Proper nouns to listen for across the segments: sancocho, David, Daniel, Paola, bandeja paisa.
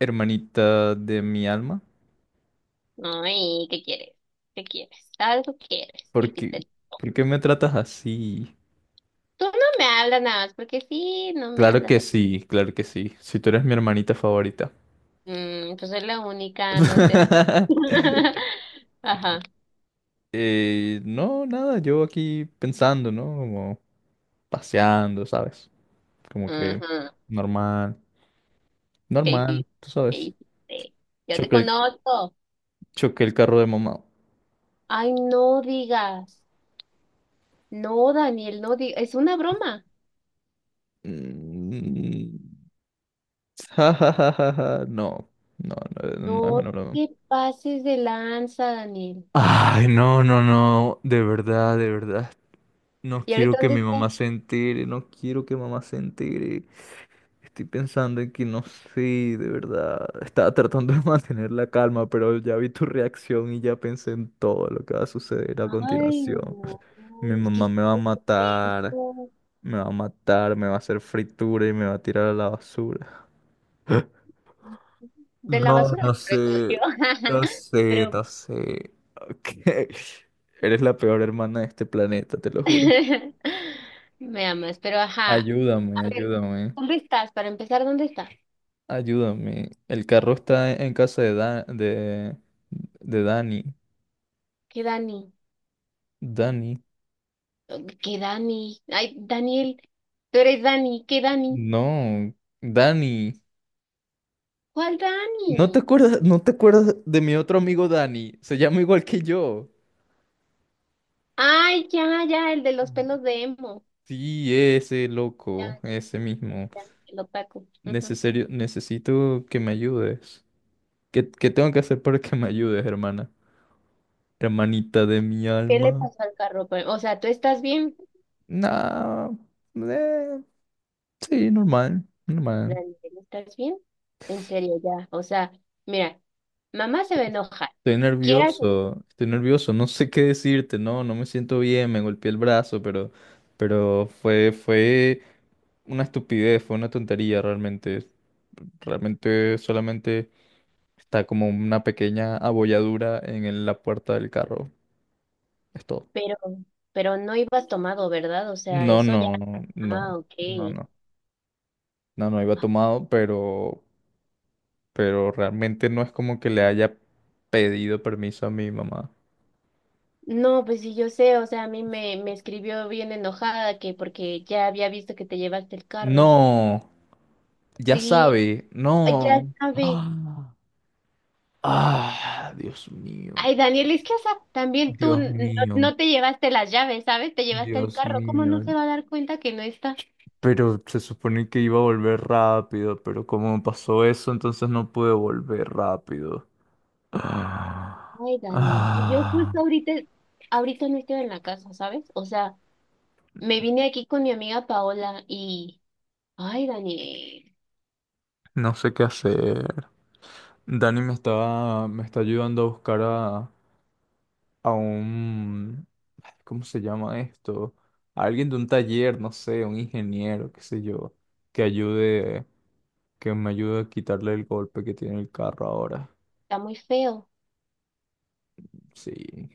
Hermanita de mi alma, Ay, ¿qué quieres? ¿Qué quieres? ¿Algo quieres? ¿Qué ¿por qué, hiciste? ¿por qué me tratas así? Tú no me hablas nada más porque sí, no me Claro hablas. que sí, claro que sí. Si tú eres mi hermanita favorita. Mm, pues soy la única, no te hablo. Ajá. No, nada, yo aquí pensando, ¿no? Como paseando, ¿sabes? Como que Ajá. normal, ¿Qué normal, hiciste? tú ¿Qué sabes. hiciste? Yo te Choqué el, conozco. choqué el carro de mamá. Ay, no digas. No, Daniel, no digas. Es una broma. Mm, ja, ja, ja, ja, ja. No, no, no, No no es una broma. te pases de lanza, Daniel. Ay, no, no, no, de verdad, de verdad. No ¿Y quiero ahorita que dónde mi estás? mamá se entere, no quiero que mamá se entere. Estoy pensando en que no sé, de verdad. Estaba tratando de mantener la calma, pero ya vi tu reacción y ya pensé en todo lo que va a suceder a Ay, continuación. no. Mi Es que mamá me va a hiciste matar, esto. me va a matar, me va a hacer fritura y me va a tirar a la basura. De la No, basura no te sé, recogió. Pero no sé. Ok. Eres la peor hermana de este planeta, te lo juro. me amas, pero ajá. Ayúdame, A ver, ayúdame, ¿dónde estás? Para empezar, ¿dónde estás? ayúdame. El carro está en casa de, de Dani. ¿Qué Dani? Dani. ¿Qué Dani? Ay, Daniel, tú eres Dani, ¿qué Dani? No, Dani. ¿Cuál ¿No te Dani? acuerdas, no te acuerdas de mi otro amigo Dani? Se llama igual que yo. Ay, ya, ya, el de los pelos de emo. Sí, ese Ya, loco, ya, ese ya, mismo. ya, el opaco. Ujú. Necesario, necesito que me ayudes. ¿Qué tengo que hacer para que me ayudes, hermana? Hermanita de mi ¿Qué le alma. pasó al carro? Pues, o sea, ¿tú estás bien? Nah, eh, sí, normal, normal. Daniel, ¿estás bien? En serio, ya. O sea, mira, mamá se va a enojar. Quieras o no, Estoy nervioso, no sé qué decirte, no, no me siento bien, me golpeé el brazo, pero, fue una estupidez, fue una tontería realmente. Realmente solamente está como una pequeña abolladura en la puerta del carro. Es todo. Pero, pero no ibas tomado, ¿verdad? O sea, No, eso ya. no, no, Ah, ok. no, no. No, no iba tomado, pero realmente no es como que le haya pedido permiso a mi mamá. No, pues sí, yo sé, o sea, a mí me, me escribió bien enojada que porque ya había visto que te llevaste el carro. No, ya Sí, sabe, no. ya sabe. ¡Ah! Ah, Dios mío, Ay, Daniel, es que, o sea, también tú Dios mío, no te llevaste las llaves, ¿sabes? Te llevaste el Dios carro. ¿Cómo no mío, se va a dar cuenta que no está? pero se supone que iba a volver rápido, pero como pasó eso, entonces no pude volver rápido. Ay, Dani, y yo Ah, ah, justo ahorita, ahorita no estoy en la casa, ¿sabes? O sea, me vine aquí con mi amiga Paola y, ay, Dani, no sé qué hacer. Me está ayudando a buscar a un, ay, ¿cómo se llama esto? A alguien de un taller, no sé, un ingeniero, qué sé yo, que ayude, que me ayude a quitarle el golpe que tiene el carro ahora. está muy feo. Sí,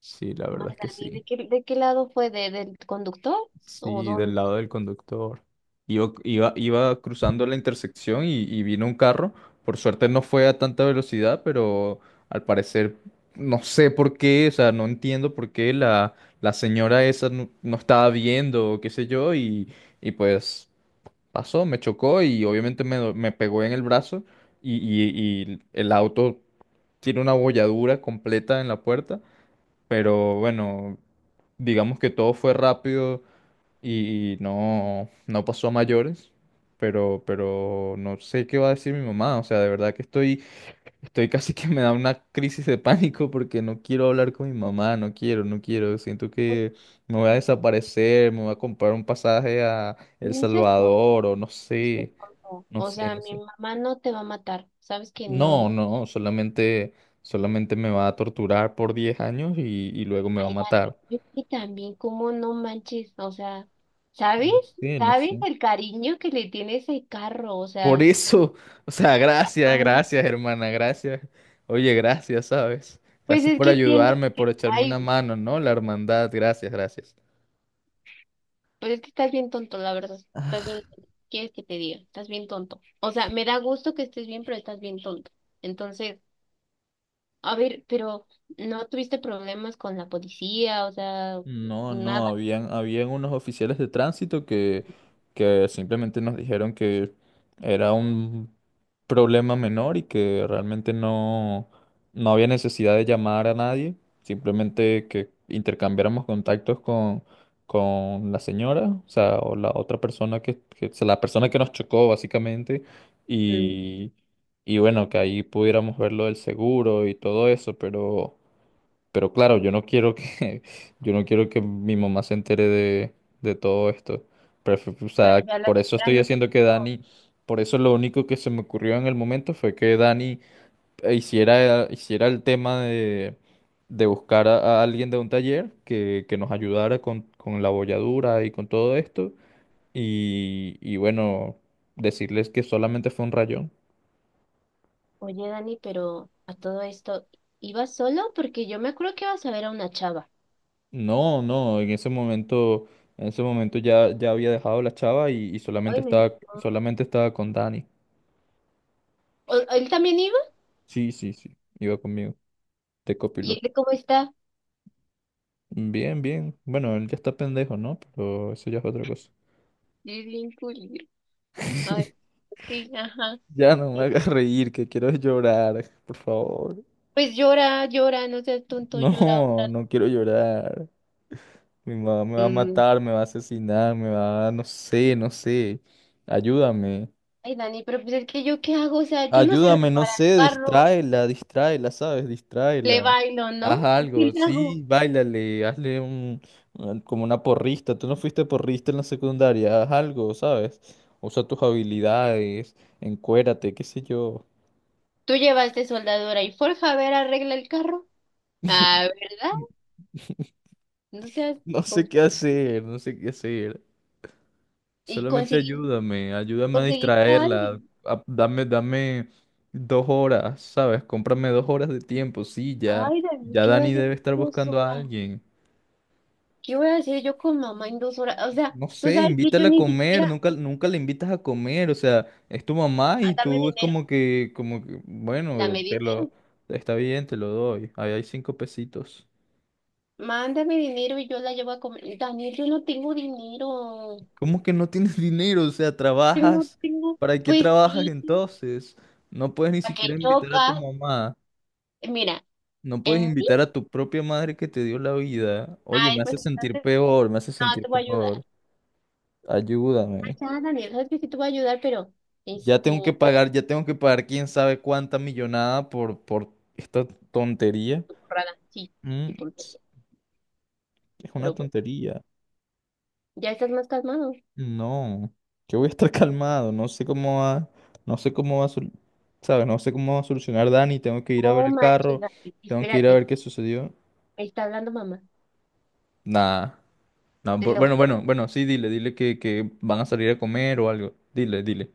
sí, la Ay, verdad es que Dani, ¿de sí. qué, de qué lado fue? ¿De, del conductor? ¿O Sí, del dónde? lado del conductor. Iba cruzando la intersección y vino un carro. Por suerte no fue a tanta velocidad, pero al parecer no sé por qué, o sea, no entiendo por qué la, la señora esa no, no estaba viendo o qué sé yo y pues pasó, me chocó y obviamente me pegó en el brazo y, y el auto tiene una bolladura completa en la puerta, pero bueno digamos que todo fue rápido, y no, no pasó a mayores, pero no sé qué va a decir mi mamá, o sea, de verdad que estoy, estoy casi que me da una crisis de pánico porque no quiero hablar con mi mamá, no quiero, no quiero, siento que me voy a desaparecer, me voy a comprar un pasaje a El Me dices por, Salvador o no me dices sé, por no. O sea, no mi sé. mamá no te va a matar. Sabes que No, no. no, solamente, solamente me va a torturar por 10 años y luego me va a Ay, Dani, matar. yo que también, ¿cómo no manches? O sea, ¿sabes? No sé, no ¿Sabes sé. el cariño que le tiene ese carro? O Por sea, eso, o sea, gracias, ay, gracias, hermana, gracias. Oye, gracias, ¿sabes? pues Gracias es por que tienes ayudarme, por que. echarme Ay, una mano, ¿no? La hermandad, gracias, gracias. pues es que estás bien tonto, la verdad. Estás bien tonto. ¿Quieres que te diga? Estás bien tonto. O sea, me da gusto que estés bien, pero estás bien tonto. Entonces. A ver, pero ¿no tuviste problemas con la policía? O sea, No, no, nada. Habían unos oficiales de tránsito que simplemente nos dijeron que era un problema menor y que realmente no, no había necesidad de llamar a nadie, simplemente que intercambiáramos contactos con la señora, o sea, o sea, la persona que nos chocó básicamente, Mm. y, y bueno, que ahí pudiéramos ver lo del seguro y todo eso, pero... Pero claro, yo no quiero que, yo no quiero que mi mamá se entere de todo esto. O Pero sea, ya la por eso señora estoy no se haciendo que pudo. Dani, por eso lo único que se me ocurrió en el momento fue que Dani hiciera el tema de buscar a alguien de un taller que nos ayudara con la bolladura y con todo esto. Y bueno, decirles que solamente fue un rayón. Oye, Dani, pero a todo esto, ¿ibas solo? Porque yo me acuerdo que ibas a ver a una chava. No, no, en ese momento ya, ya había dejado la chava y Ay, menos mal. solamente estaba con Dani. ¿O- ¿Él también iba? Sí, sí, sí, iba conmigo, de ¿Y copiloto. él cómo está? Bien, bien. Bueno, él ya está pendejo, ¿no? Pero eso ya es otra cosa. Es bien culero. Ay, sí, ajá. Ya no me Sí. hagas reír, que quiero llorar, por favor. Pues llora, llora, no seas tonto, llora No, otra vez. no quiero llorar. Mi mamá me va a Mm. matar, me va a asesinar, me va a... no sé, no sé. Ayúdame. Ay, Dani, pero pues es que yo qué hago, o sea, yo no sé Ayúdame, no reparar el sé, carro, distráela, distráela, ¿sabes? le Distráela. bailo, Haz ¿no? ¿Qué algo, le sí, hago? báilale, como una porrista. Tú no fuiste porrista en la secundaria, haz algo, ¿sabes? Usa tus habilidades, encuérate, qué sé yo. Tú llevaste soldadora y forja, a ver, arregla el carro. Ah, ¿verdad? No seas No sé qué tonto. hacer, no sé qué hacer. Y Solamente conseguí, ayúdame, ayúdame a conseguiste a distraerla. alguien. Dame, dame 2 horas, ¿sabes? Cómprame 2 horas de tiempo, sí, ya, Ay, David, ya ¿qué voy a Dani hacer debe en estar dos buscando a horas? alguien. ¿Qué voy a hacer yo con mamá en 2 horas? O sea, No tú sé, sabes que yo invítala a ni comer, siquiera, nunca, nunca la invitas a comer, o sea, es tu mamá y ah, dame tú es dinero, como que, dame bueno, te dinero. lo, está bien, te lo doy, ahí hay cinco pesitos. Mándame dinero y yo la llevo a comer. Daniel, yo no tengo dinero. ¿Cómo que no tienes dinero? O sea, Yo no trabajas, tengo, ¿para qué pues trabajas sí, entonces? No puedes ni para que siquiera invitar a tu chocas. mamá, Mira, no puedes en mí, invitar a tu propia madre que te dio la vida. Oye, me ay, pues hace sentir entonces peor, me hace no sentir te voy a ayudar. peor, ayúdame. Ya, Daniel, sabes que sí te voy a ayudar, pero Ya este, tengo que pagar, ya tengo que pagar quién sabe cuánta millonada por esta tontería. tu porrada, sí, Mm, tu tontería. ps, es una Pero bueno, tontería. ya estás más calmado. No, yo voy a estar calmado. No sé cómo va, no sé cómo va a, sol- ¿sabes? No sé cómo va a solucionar Dani. Tengo que ir a ver Oh, el manches, carro. Daniel, Tengo que ir a espérate, ver qué sucedió. me está hablando mamá, Nada. No, te lo bueno, bueno, juro. bueno, sí, dile, dile que van a salir a comer o algo. Dile, dile.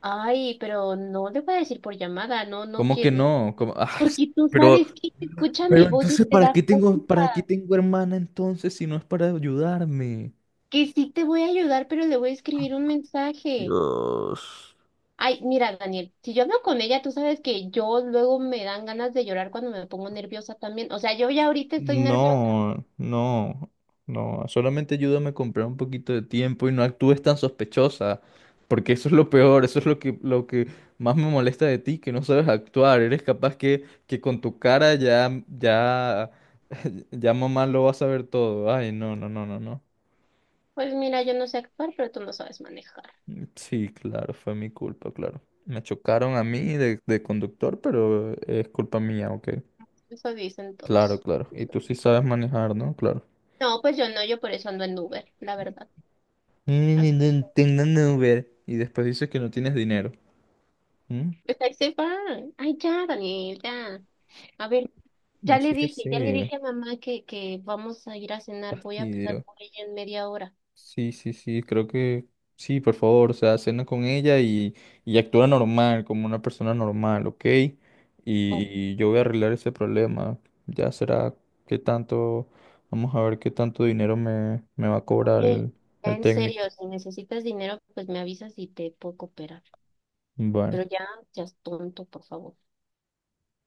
Ay, pero no le voy a decir por llamada, no, no ¿Cómo que quiero, no? ¿Cómo? Ah, porque tú pero sabes que se escucha mi Pero voz y entonces, te da cuenta para qué tengo hermana entonces si no es para ayudarme? que sí te voy a ayudar, pero le voy a escribir un mensaje. Dios. Ay, mira, Daniel, si yo hablo con ella, tú sabes que yo luego me dan ganas de llorar cuando me pongo nerviosa también. O sea, yo ya ahorita estoy nerviosa. No, no, no. Solamente ayúdame a comprar un poquito de tiempo y no actúes tan sospechosa. Porque eso es lo peor, eso es lo que más me molesta de ti, que no sabes actuar. Eres capaz que con tu cara ya, ya, ya mamá lo va a saber todo. Ay, no, no, no, no, no. Pues mira, yo no sé actuar, pero tú no sabes manejar. Sí, claro, fue mi culpa, claro. Me chocaron a mí de conductor, pero es culpa mía, ok. Eso dicen Claro, todos. claro. Y tú sí sabes manejar, ¿no? Claro. No, pues yo no, yo por eso ando en Uber, la verdad. Ni ni Así, ni tengo un Uber. Y después dices que no tienes dinero. ¿Mm? pues ahí se van. Ay, ya, Daniel, ya. A ver, No sé qué ya le hacer. dije a mamá que vamos a ir a cenar. Voy a pasar Fastidio. por ella en media hora. Sí, sí, sí, creo que sí, por favor, o sea, cena con ella y actúa normal, como una persona normal, ¿ok? Oh, Y yo voy a arreglar ese problema. Ya será qué tanto, vamos a ver qué tanto dinero me, me va a ok, cobrar ya el en serio, técnico. si necesitas dinero, pues me avisas y te puedo cooperar. Bueno. Pero ya, seas tonto, por favor.